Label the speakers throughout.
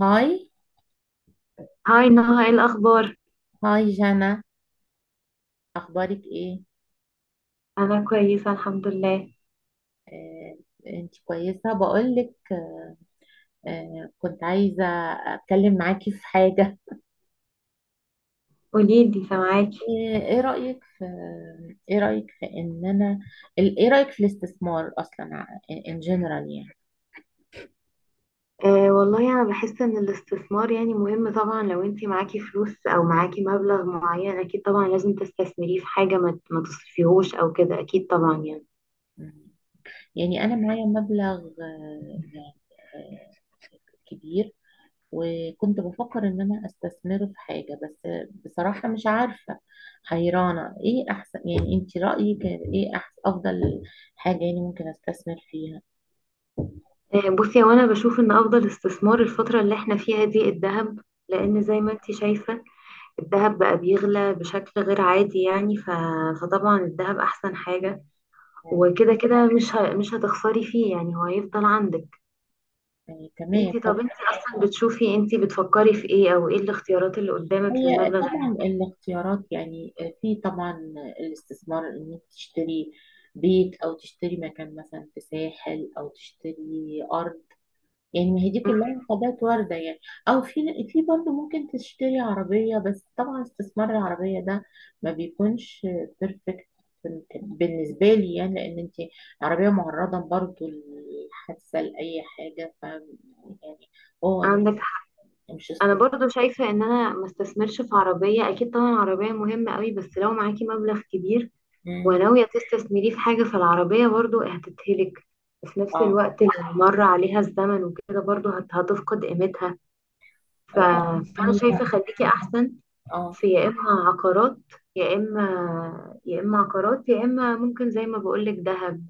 Speaker 1: هاي.
Speaker 2: هاي نهى، ايه الأخبار؟
Speaker 1: هاي جانا. اخبارك ايه؟
Speaker 2: أنا كويسة الحمد لله.
Speaker 1: آه، انت كويسه. بقولك كنت عايزه اتكلم معاكي في حاجه.
Speaker 2: قوليلي، سامعاكي.
Speaker 1: آه، ايه رايك في ايه رايك في ان انا ايه رايك في الاستثمار اصلا ان جنرال يعني.
Speaker 2: أه والله أنا بحس إن الاستثمار يعني مهم طبعا، لو انتي معاكي فلوس أو معاكي مبلغ معين أكيد طبعا لازم تستثمريه في حاجة، ما تصرفيهوش أو كده، أكيد طبعا يعني.
Speaker 1: مم. يعني انا معايا مبلغ يعني آه، كبير، وكنت بفكر ان انا استثمره في حاجة. بس بصراحة مش عارفة، حيرانة ايه احسن. يعني انت رأيك ايه احسن، افضل حاجة يعني ممكن استثمر فيها؟
Speaker 2: أه بصي، وأنا بشوف إن أفضل استثمار الفترة اللي احنا فيها دي الذهب، لأن زي ما انتي شايفة الذهب بقى بيغلى بشكل غير عادي يعني. فطبعا الذهب أحسن حاجة، وكده كده مش هتخسري فيه يعني، هو هيفضل عندك.
Speaker 1: يعني تمام.
Speaker 2: انتي، طب انتي اصلا بتشوفي، انتي بتفكري في ايه، او ايه الاختيارات اللي قدامك
Speaker 1: هي
Speaker 2: للمبلغ
Speaker 1: طبعا الاختيارات يعني في طبعا الاستثمار ان انت تشتري بيت، او تشتري مكان مثلا في ساحل، او تشتري ارض. يعني ما هي دي كلها حاجات وارده يعني. او في برضه ممكن تشتري عربيه، بس طبعا استثمار العربيه ده ما بيكونش بيرفكت بالنسبه لي. يعني لان انت عربيه معرضه برضه للحادثه، لاي حاجه، ف يعني هو
Speaker 2: عندك حق.
Speaker 1: مش
Speaker 2: انا
Speaker 1: استثمار.
Speaker 2: برضو شايفة ان انا ما استثمرش في عربية، اكيد طبعا العربية مهمة قوي، بس لو معاكي مبلغ كبير
Speaker 1: مم.
Speaker 2: وناوية تستثمريه في حاجة فالعربية برضو هتتهلك، وفي نفس
Speaker 1: اه.
Speaker 2: الوقت لو مر عليها الزمن وكده برضو هتفقد قيمتها. ف...
Speaker 1: أو بقى-
Speaker 2: فانا شايفة
Speaker 1: هي
Speaker 2: خليكي احسن
Speaker 1: اه.
Speaker 2: في يا اما عقارات، يا اما عقارات، يا اما ممكن زي ما بقولك دهب.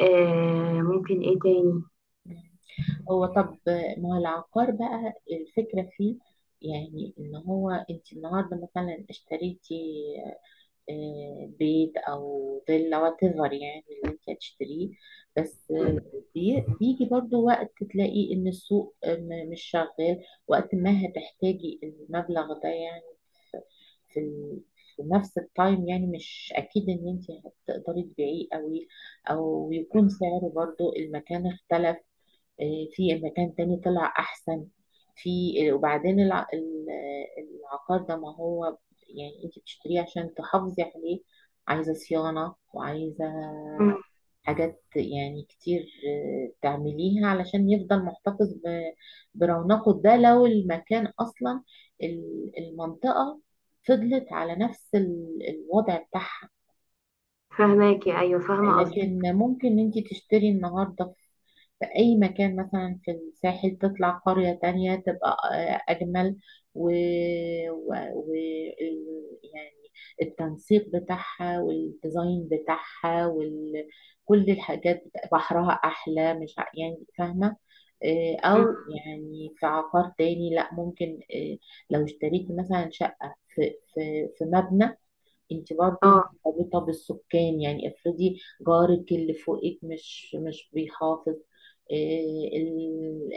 Speaker 2: ممكن ايه تاني؟
Speaker 1: هو طب ما هو العقار بقى الفكرة فيه، يعني ان هو انت النهارده مثلا اشتريتي بيت او فيلا وات ايفر يعني اللي انت هتشتريه. بس بيجي برضو وقت تلاقي ان السوق مش شغال وقت ما هتحتاجي المبلغ ده يعني. في ال- في نفس التايم يعني مش اكيد ان انت هتقدري تبيعيه قوي، او يكون سعره برضو، المكان اختلف، في مكان تاني طلع احسن. في وبعدين العقار ده ما هو يعني انت بتشتريه عشان تحافظي عليه، عايزة صيانة وعايزة
Speaker 2: مم.
Speaker 1: حاجات يعني كتير تعمليها علشان يفضل محتفظ برونقه. ده لو المكان أصلا المنطقة فضلت على نفس الوضع بتاعها.
Speaker 2: فهماكي، ايوه فاهمه قصدك.
Speaker 1: لكن ممكن انت تشتري النهارده في أي مكان مثلا في الساحل، تطلع قرية تانية تبقى أجمل، و... و... و... يعني التنسيق بتاعها والديزاين بتاعها كل الحاجات بحرها أحلى. مش ع- يعني فاهمة؟
Speaker 2: مم.
Speaker 1: أو يعني في عقار تاني، لأ ممكن لو اشتريت مثلا شقة في مبنى، انت برضو
Speaker 2: اه
Speaker 1: مرتبطة بالسكان. يعني افرضي جارك اللي فوقك مش بيحافظ، إيه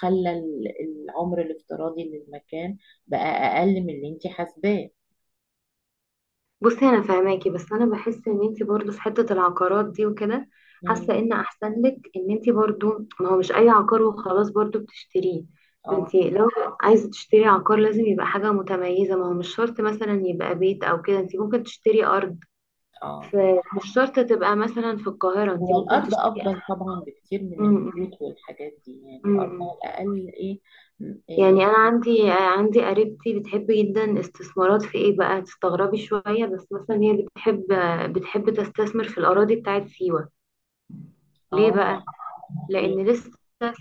Speaker 1: خلى العمر الافتراضي للمكان بقى اقل من اللي انت حاسباه.
Speaker 2: بصي، انا فهماكي بس انا بحس ان انت برضو في حته العقارات دي وكده، حاسه
Speaker 1: مم.
Speaker 2: ان احسن لك ان انت برضو، ما هو مش اي عقار وخلاص برضو بتشتريه.
Speaker 1: اه.
Speaker 2: انت لو عايزه تشتري عقار لازم يبقى حاجه متميزه، ما هو مش شرط مثلا يبقى بيت او كده، انت ممكن تشتري ارض،
Speaker 1: اه.
Speaker 2: فمش شرط تبقى مثلا في القاهره، انت
Speaker 1: هو
Speaker 2: ممكن
Speaker 1: الارض
Speaker 2: تشتري.
Speaker 1: افضل طبعا بكتير من
Speaker 2: مم.
Speaker 1: البيوت والحاجات دي. يعني الارض
Speaker 2: مم.
Speaker 1: على الاقل ايه، ايه.
Speaker 2: يعني انا عندي قريبتي بتحب جدا استثمارات في ايه بقى، تستغربي شوية، بس مثلا هي بتحب تستثمر في الاراضي بتاعت سيوة. ليه بقى؟
Speaker 1: اه. ليه؟
Speaker 2: لان لسه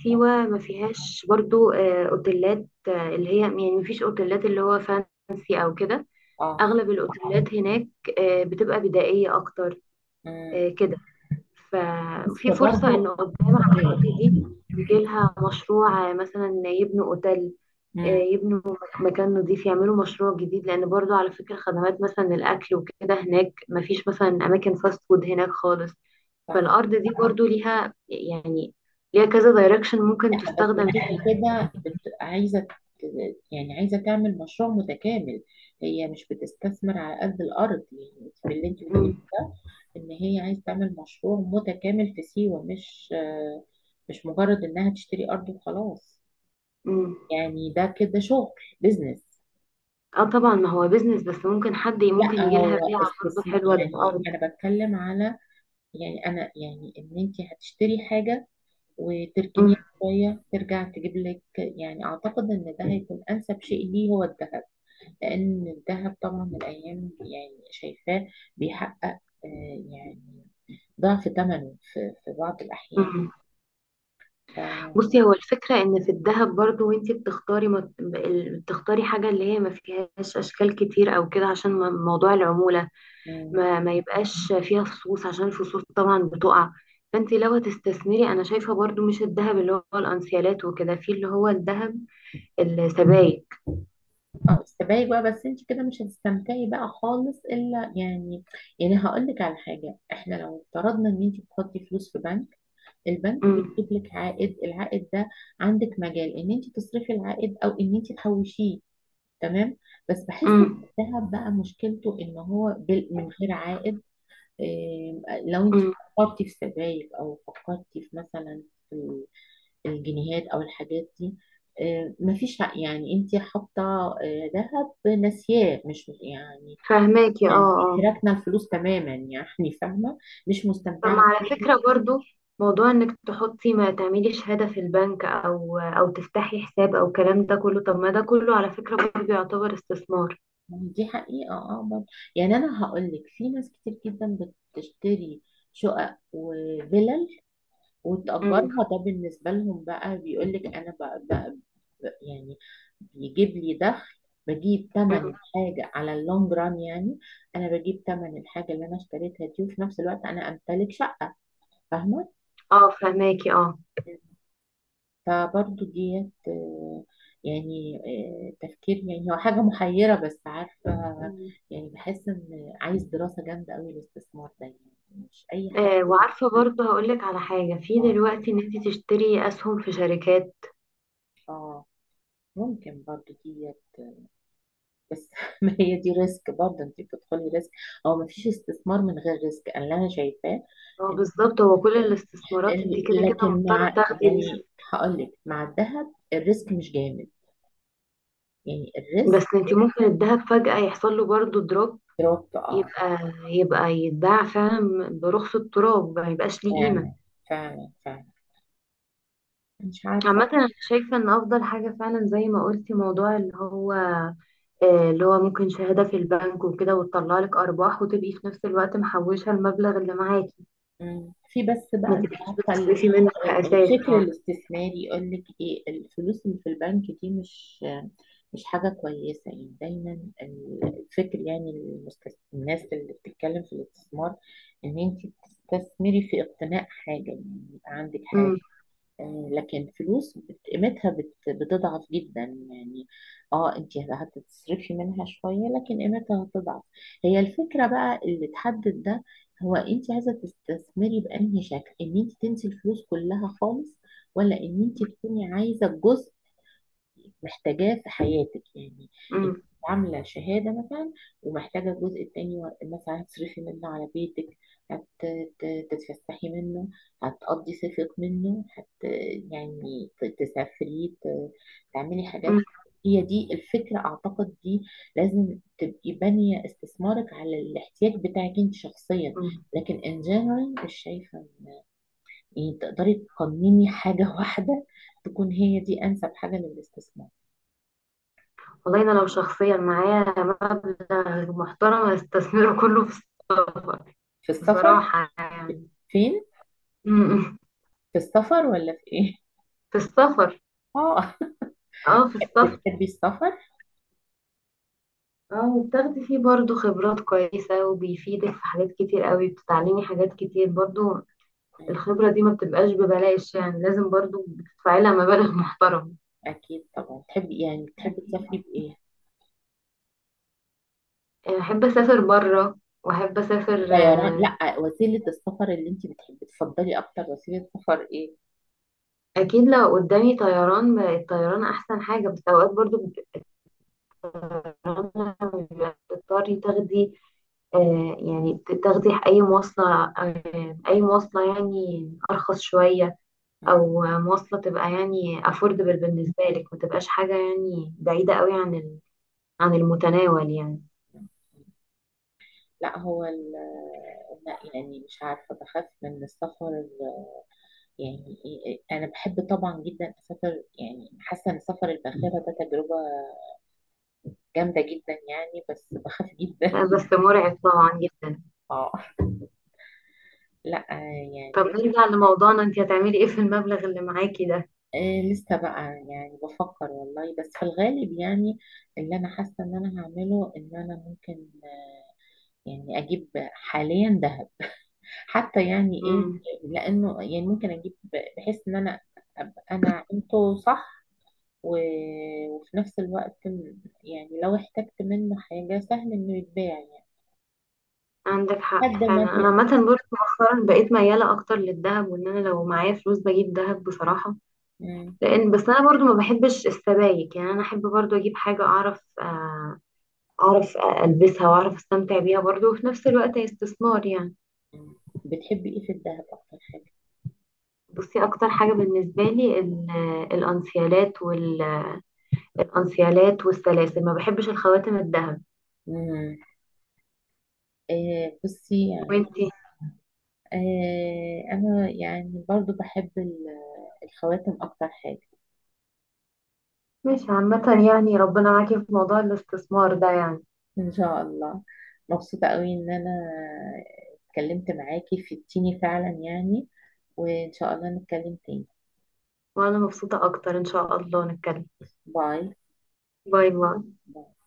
Speaker 2: سيوة
Speaker 1: اه.
Speaker 2: ما فيهاش برضو اوتيلات، اللي هي يعني ما فيش اوتيلات اللي هو فانسي او كده،
Speaker 1: اه.
Speaker 2: اغلب الاوتيلات هناك بتبقى بدائية اكتر،
Speaker 1: مم.
Speaker 2: كده.
Speaker 1: بس
Speaker 2: ففي فرصة إن
Speaker 1: برضو
Speaker 2: قدام العقارات
Speaker 1: إيه.
Speaker 2: دي يجيلها مشروع مثلا يبنوا أوتيل،
Speaker 1: مم.
Speaker 2: يبنوا مكان نظيف، يعملوا مشروع جديد، لأن برضو على فكرة خدمات مثلا الأكل وكده هناك مفيش مثلا أماكن فاست فود هناك خالص.
Speaker 1: صح.
Speaker 2: فالأرض دي برضو ليها يعني، ليها كذا دايركشن ممكن
Speaker 1: لا، بس
Speaker 2: تستخدم
Speaker 1: هي
Speaker 2: فيه.
Speaker 1: كده عايزه يعني عايزه تعمل مشروع متكامل. هي مش بتستثمر على قد الارض يعني، في اللي انت بتقوليه
Speaker 2: مم.
Speaker 1: ده، ان هي عايزه تعمل مشروع متكامل في سيوه، مش مش مجرد انها تشتري ارض وخلاص.
Speaker 2: مم.
Speaker 1: يعني ده كده شغل، بزنس.
Speaker 2: اه طبعا ما هو بيزنس، بس ممكن حد ممكن
Speaker 1: لا
Speaker 2: يجيلها
Speaker 1: هو
Speaker 2: بيعة برضو
Speaker 1: استثمار.
Speaker 2: حلوة
Speaker 1: يعني
Speaker 2: للأرض.
Speaker 1: انا بتكلم على، يعني انا يعني ان انت هتشتري حاجه
Speaker 2: مم.
Speaker 1: وتركنيه شوية ترجع تجيب لك. يعني أعتقد إن ده هيكون أنسب شيء ليه هو الذهب. لأن الذهب طبعا الأيام دي يعني شايفاه بيحقق يعني ضعف ثمنه في في بعض الأحيان.
Speaker 2: مم.
Speaker 1: ف
Speaker 2: بصي، هو الفكرة ان في الذهب برضو، وانتي بتختاري حاجة اللي هي ما فيهاش اشكال كتير او كده، عشان موضوع العمولة،
Speaker 1: مم.
Speaker 2: ما يبقاش فيها فصوص، عشان الفصوص طبعا بتقع. فانتي لو هتستثمري انا شايفة برضو مش الذهب اللي هو الانسيالات وكده، في اللي هو الذهب السبائك.
Speaker 1: اه، استبعدي بقى. بس انت كده مش هتستمتعي بقى خالص الا يعني، يعني هقول لك على حاجه. احنا لو افترضنا ان انت بتحطي فلوس في بنك، البنك
Speaker 2: امم.
Speaker 1: بيجيب لك عائد. العائد ده عندك مجال ان انت تصرفي العائد او ان انت تحوشيه. تمام. بس بحس ان
Speaker 2: امم.
Speaker 1: الذهب بقى مشكلته ان هو من غير عائد. إيه، لو انت
Speaker 2: امم.
Speaker 1: فكرتي في سبائك او فكرتي في مثلا في الجنيهات او الحاجات دي، إيه، مفيش يعني انت حاطه إيه، ذهب ناسياه مش يعني،
Speaker 2: فهماكي اه،
Speaker 1: يعني
Speaker 2: آه.
Speaker 1: راكنه الفلوس تماما يعني فاهمه، مش
Speaker 2: طب ما
Speaker 1: مستمتعه
Speaker 2: على
Speaker 1: بيه.
Speaker 2: فكرة برضو، موضوع انك تحطي، ما تعملي شهادة في البنك او تفتحي حساب او الكلام ده كله، طب ما ده كله على فكرة برضو يعتبر استثمار.
Speaker 1: دي حقيقه اه برضه. يعني انا هقول لك في ناس كتير جدا بتشتري شقق وفلل
Speaker 2: امم.
Speaker 1: وتأجرها. ده بالنسبة لهم بقى بيقول لك أنا يعني بيجيب لي دخل، بجيب تمن
Speaker 2: أمم.
Speaker 1: الحاجة على اللونج ران يعني. أنا بجيب تمن الحاجة اللي أنا اشتريتها دي، وفي نفس الوقت أنا أمتلك شقة. فاهمة؟
Speaker 2: اه فهماكي اه.
Speaker 1: فبرضو ديت يعني تفكير. يعني هو حاجة محيرة بس عارفة،
Speaker 2: مم.
Speaker 1: يعني بحس إن عايز دراسة جامدة أوي الاستثمار ده يعني، مش أي حد
Speaker 2: وعارفة برضو هقولك على حاجة في
Speaker 1: اه.
Speaker 2: دلوقتي، ان انت تشتري اسهم في شركات.
Speaker 1: اه. ممكن برضو ديت بس ما هي دي ريسك برضه، انت بتدخلي ريسك. هو ما فيش استثمار من غير ريسك انا اللي انا شايفاه.
Speaker 2: هو
Speaker 1: إن-
Speaker 2: بالظبط، هو كل الاستثمارات انت كده كده
Speaker 1: لكن
Speaker 2: مضطرة
Speaker 1: مع،
Speaker 2: تاخدي ريسك،
Speaker 1: يعني هقول لك مع الذهب الريسك مش جامد. يعني الريسك
Speaker 2: بس انت ممكن الذهب فجأة يحصل له برضو دروب،
Speaker 1: دروبت اه.
Speaker 2: يبقى يبقى يتباع فعلا برخص التراب، ما يبقاش ليه قيمة.
Speaker 1: فعلا، فعلا فعلا. مش عارفه.
Speaker 2: عامة أنا شايفة إن أفضل حاجة فعلا زي ما قلتي موضوع اللي هو، اللي هو ممكن شهادة في البنك وكده وتطلع لك أرباح، وتبقي في نفس الوقت محوشة المبلغ اللي معاكي،
Speaker 1: مم. في بس
Speaker 2: ما
Speaker 1: بقى انت
Speaker 2: تبقيش
Speaker 1: عارفه
Speaker 2: بتصرفي منه أساس
Speaker 1: الفكر
Speaker 2: يعني.
Speaker 1: الاستثماري يقول لك ايه، الفلوس اللي في البنك دي مش حاجه كويسه يعني دايما. الفكر يعني الناس اللي بتتكلم في الاستثمار ان انت تستثمري في اقتناء حاجه، يعني يبقى عندك حاجه.
Speaker 2: أمم،
Speaker 1: لكن فلوس قيمتها بتضعف جدا يعني. اه انت هتصرفي منها شوية لكن قيمتها هتضعف. هي الفكرة بقى اللي تحدد ده هو انت عايزة تستثمري بأنهي شكل، ان انت تنسي الفلوس كلها خالص، ولا ان انت تكوني عايزة جزء محتاجاه في حياتك. يعني انت
Speaker 2: أمم،
Speaker 1: عامله شهاده مثلا ومحتاجه الجزء التاني مثلا هتصرفي منه على بيتك، هتتفسحي منه، هتقضي صيفك منه، هت يعني تسافري، تعملي
Speaker 2: أمم،
Speaker 1: حاجات. هي دي الفكره اعتقد دي. لازم تبقي بانيه استثمارك على الاحتياج بتاعك انت شخصيا.
Speaker 2: أمم.
Speaker 1: لكن ان جنرال مش شايفه يعني تقدري تقنيني حاجه واحده تكون هي دي انسب حاجه للاستثمار.
Speaker 2: والله أنا لو شخصيا معايا مبلغ محترم هستثمره كله في السفر،
Speaker 1: في السفر؟
Speaker 2: بصراحة يعني.
Speaker 1: فين؟
Speaker 2: أمم، أمم.
Speaker 1: في السفر ولا في ايه؟
Speaker 2: في السفر.
Speaker 1: اه.
Speaker 2: اه، في السفر.
Speaker 1: بتحبي السفر؟
Speaker 2: اه وبتاخدي فيه برضو خبرات كويسة، وبيفيدك في حاجات كتير قوي، بتتعلمي حاجات كتير برضو. الخبرة دي ما بتبقاش ببلاش يعني، لازم برضو بتدفعي لها مبالغ محترمة.
Speaker 1: اكيد طبعا. تحبي يعني تسافري بايه؟
Speaker 2: احب اسافر بره، واحب اسافر
Speaker 1: طيران؟
Speaker 2: آه،
Speaker 1: لا، وسيله السفر اللي انت بتحبي تفضلي اكتر، وسيله سفر ايه؟
Speaker 2: اكيد لو قدامي طيران، الطيران احسن حاجه، بس اوقات برضو بيبقى الطيران لما بتضطري تاخدي، يعني تاخدي اي مواصله، اي مواصله يعني ارخص شويه،
Speaker 1: مم.
Speaker 2: او مواصلة تبقى يعني affordable بالنسبة لك، ما تبقاش حاجة يعني بعيدة قوي عن عن المتناول يعني.
Speaker 1: لا هو لا يعني مش عارفة، بخاف من السفر. يعني إيه، أنا بحب طبعا جدا أسافر. يعني حاسة إن سفر الباخرة ده تجربة جامدة جدا يعني، بس بخاف جدا.
Speaker 2: لا، بس مرعب طبعا جدا.
Speaker 1: اه. لا.
Speaker 2: طب
Speaker 1: يعني
Speaker 2: نرجع لموضوعنا، انت هتعملي ايه في المبلغ اللي معاكي ده؟
Speaker 1: آه لسه بقى يعني بفكر والله. بس في الغالب يعني اللي انا حاسه ان انا هعمله، ان انا ممكن يعني اجيب حاليا ذهب، حتى يعني ايه،
Speaker 2: امم.
Speaker 1: لانه يعني ممكن اجيب بحيث ان انا ابقى انا عملته صح، و- وفي نفس الوقت يعني لو احتجت منه حاجه سهل انه يتباع يعني
Speaker 2: عندك حق
Speaker 1: لحد ما
Speaker 2: فعلا، انا عامة برضه مؤخرا بقيت ميالة اكتر للذهب، وان انا لو معايا فلوس بجيب ذهب بصراحة،
Speaker 1: مم.
Speaker 2: لان بس انا برضه ما بحبش السبائك يعني، انا احب برضه اجيب حاجة اعرف، اعرف البسها واعرف استمتع بيها برضه، وفي نفس الوقت هي استثمار يعني.
Speaker 1: بتحبي ايه في الذهب اكتر حاجه؟
Speaker 2: بصي اكتر حاجه بالنسبه لي الانسيالات والسلاسل، ما بحبش الخواتم الذهب.
Speaker 1: مم. آه بصي يعني،
Speaker 2: وانتي؟
Speaker 1: أنا يعني برضو بحب الخواتم أكتر حاجة.
Speaker 2: ماشي، عامة يعني ربنا معاكي في موضوع الاستثمار ده يعني.
Speaker 1: إن شاء الله. مبسوطة قوي إن أنا اتكلمت معاكي في التيني فعلا يعني، وإن شاء الله نتكلم تاني.
Speaker 2: وانا مبسوطه اكتر، ان شاء الله نتكلم.
Speaker 1: باي.
Speaker 2: باي باي.
Speaker 1: باي.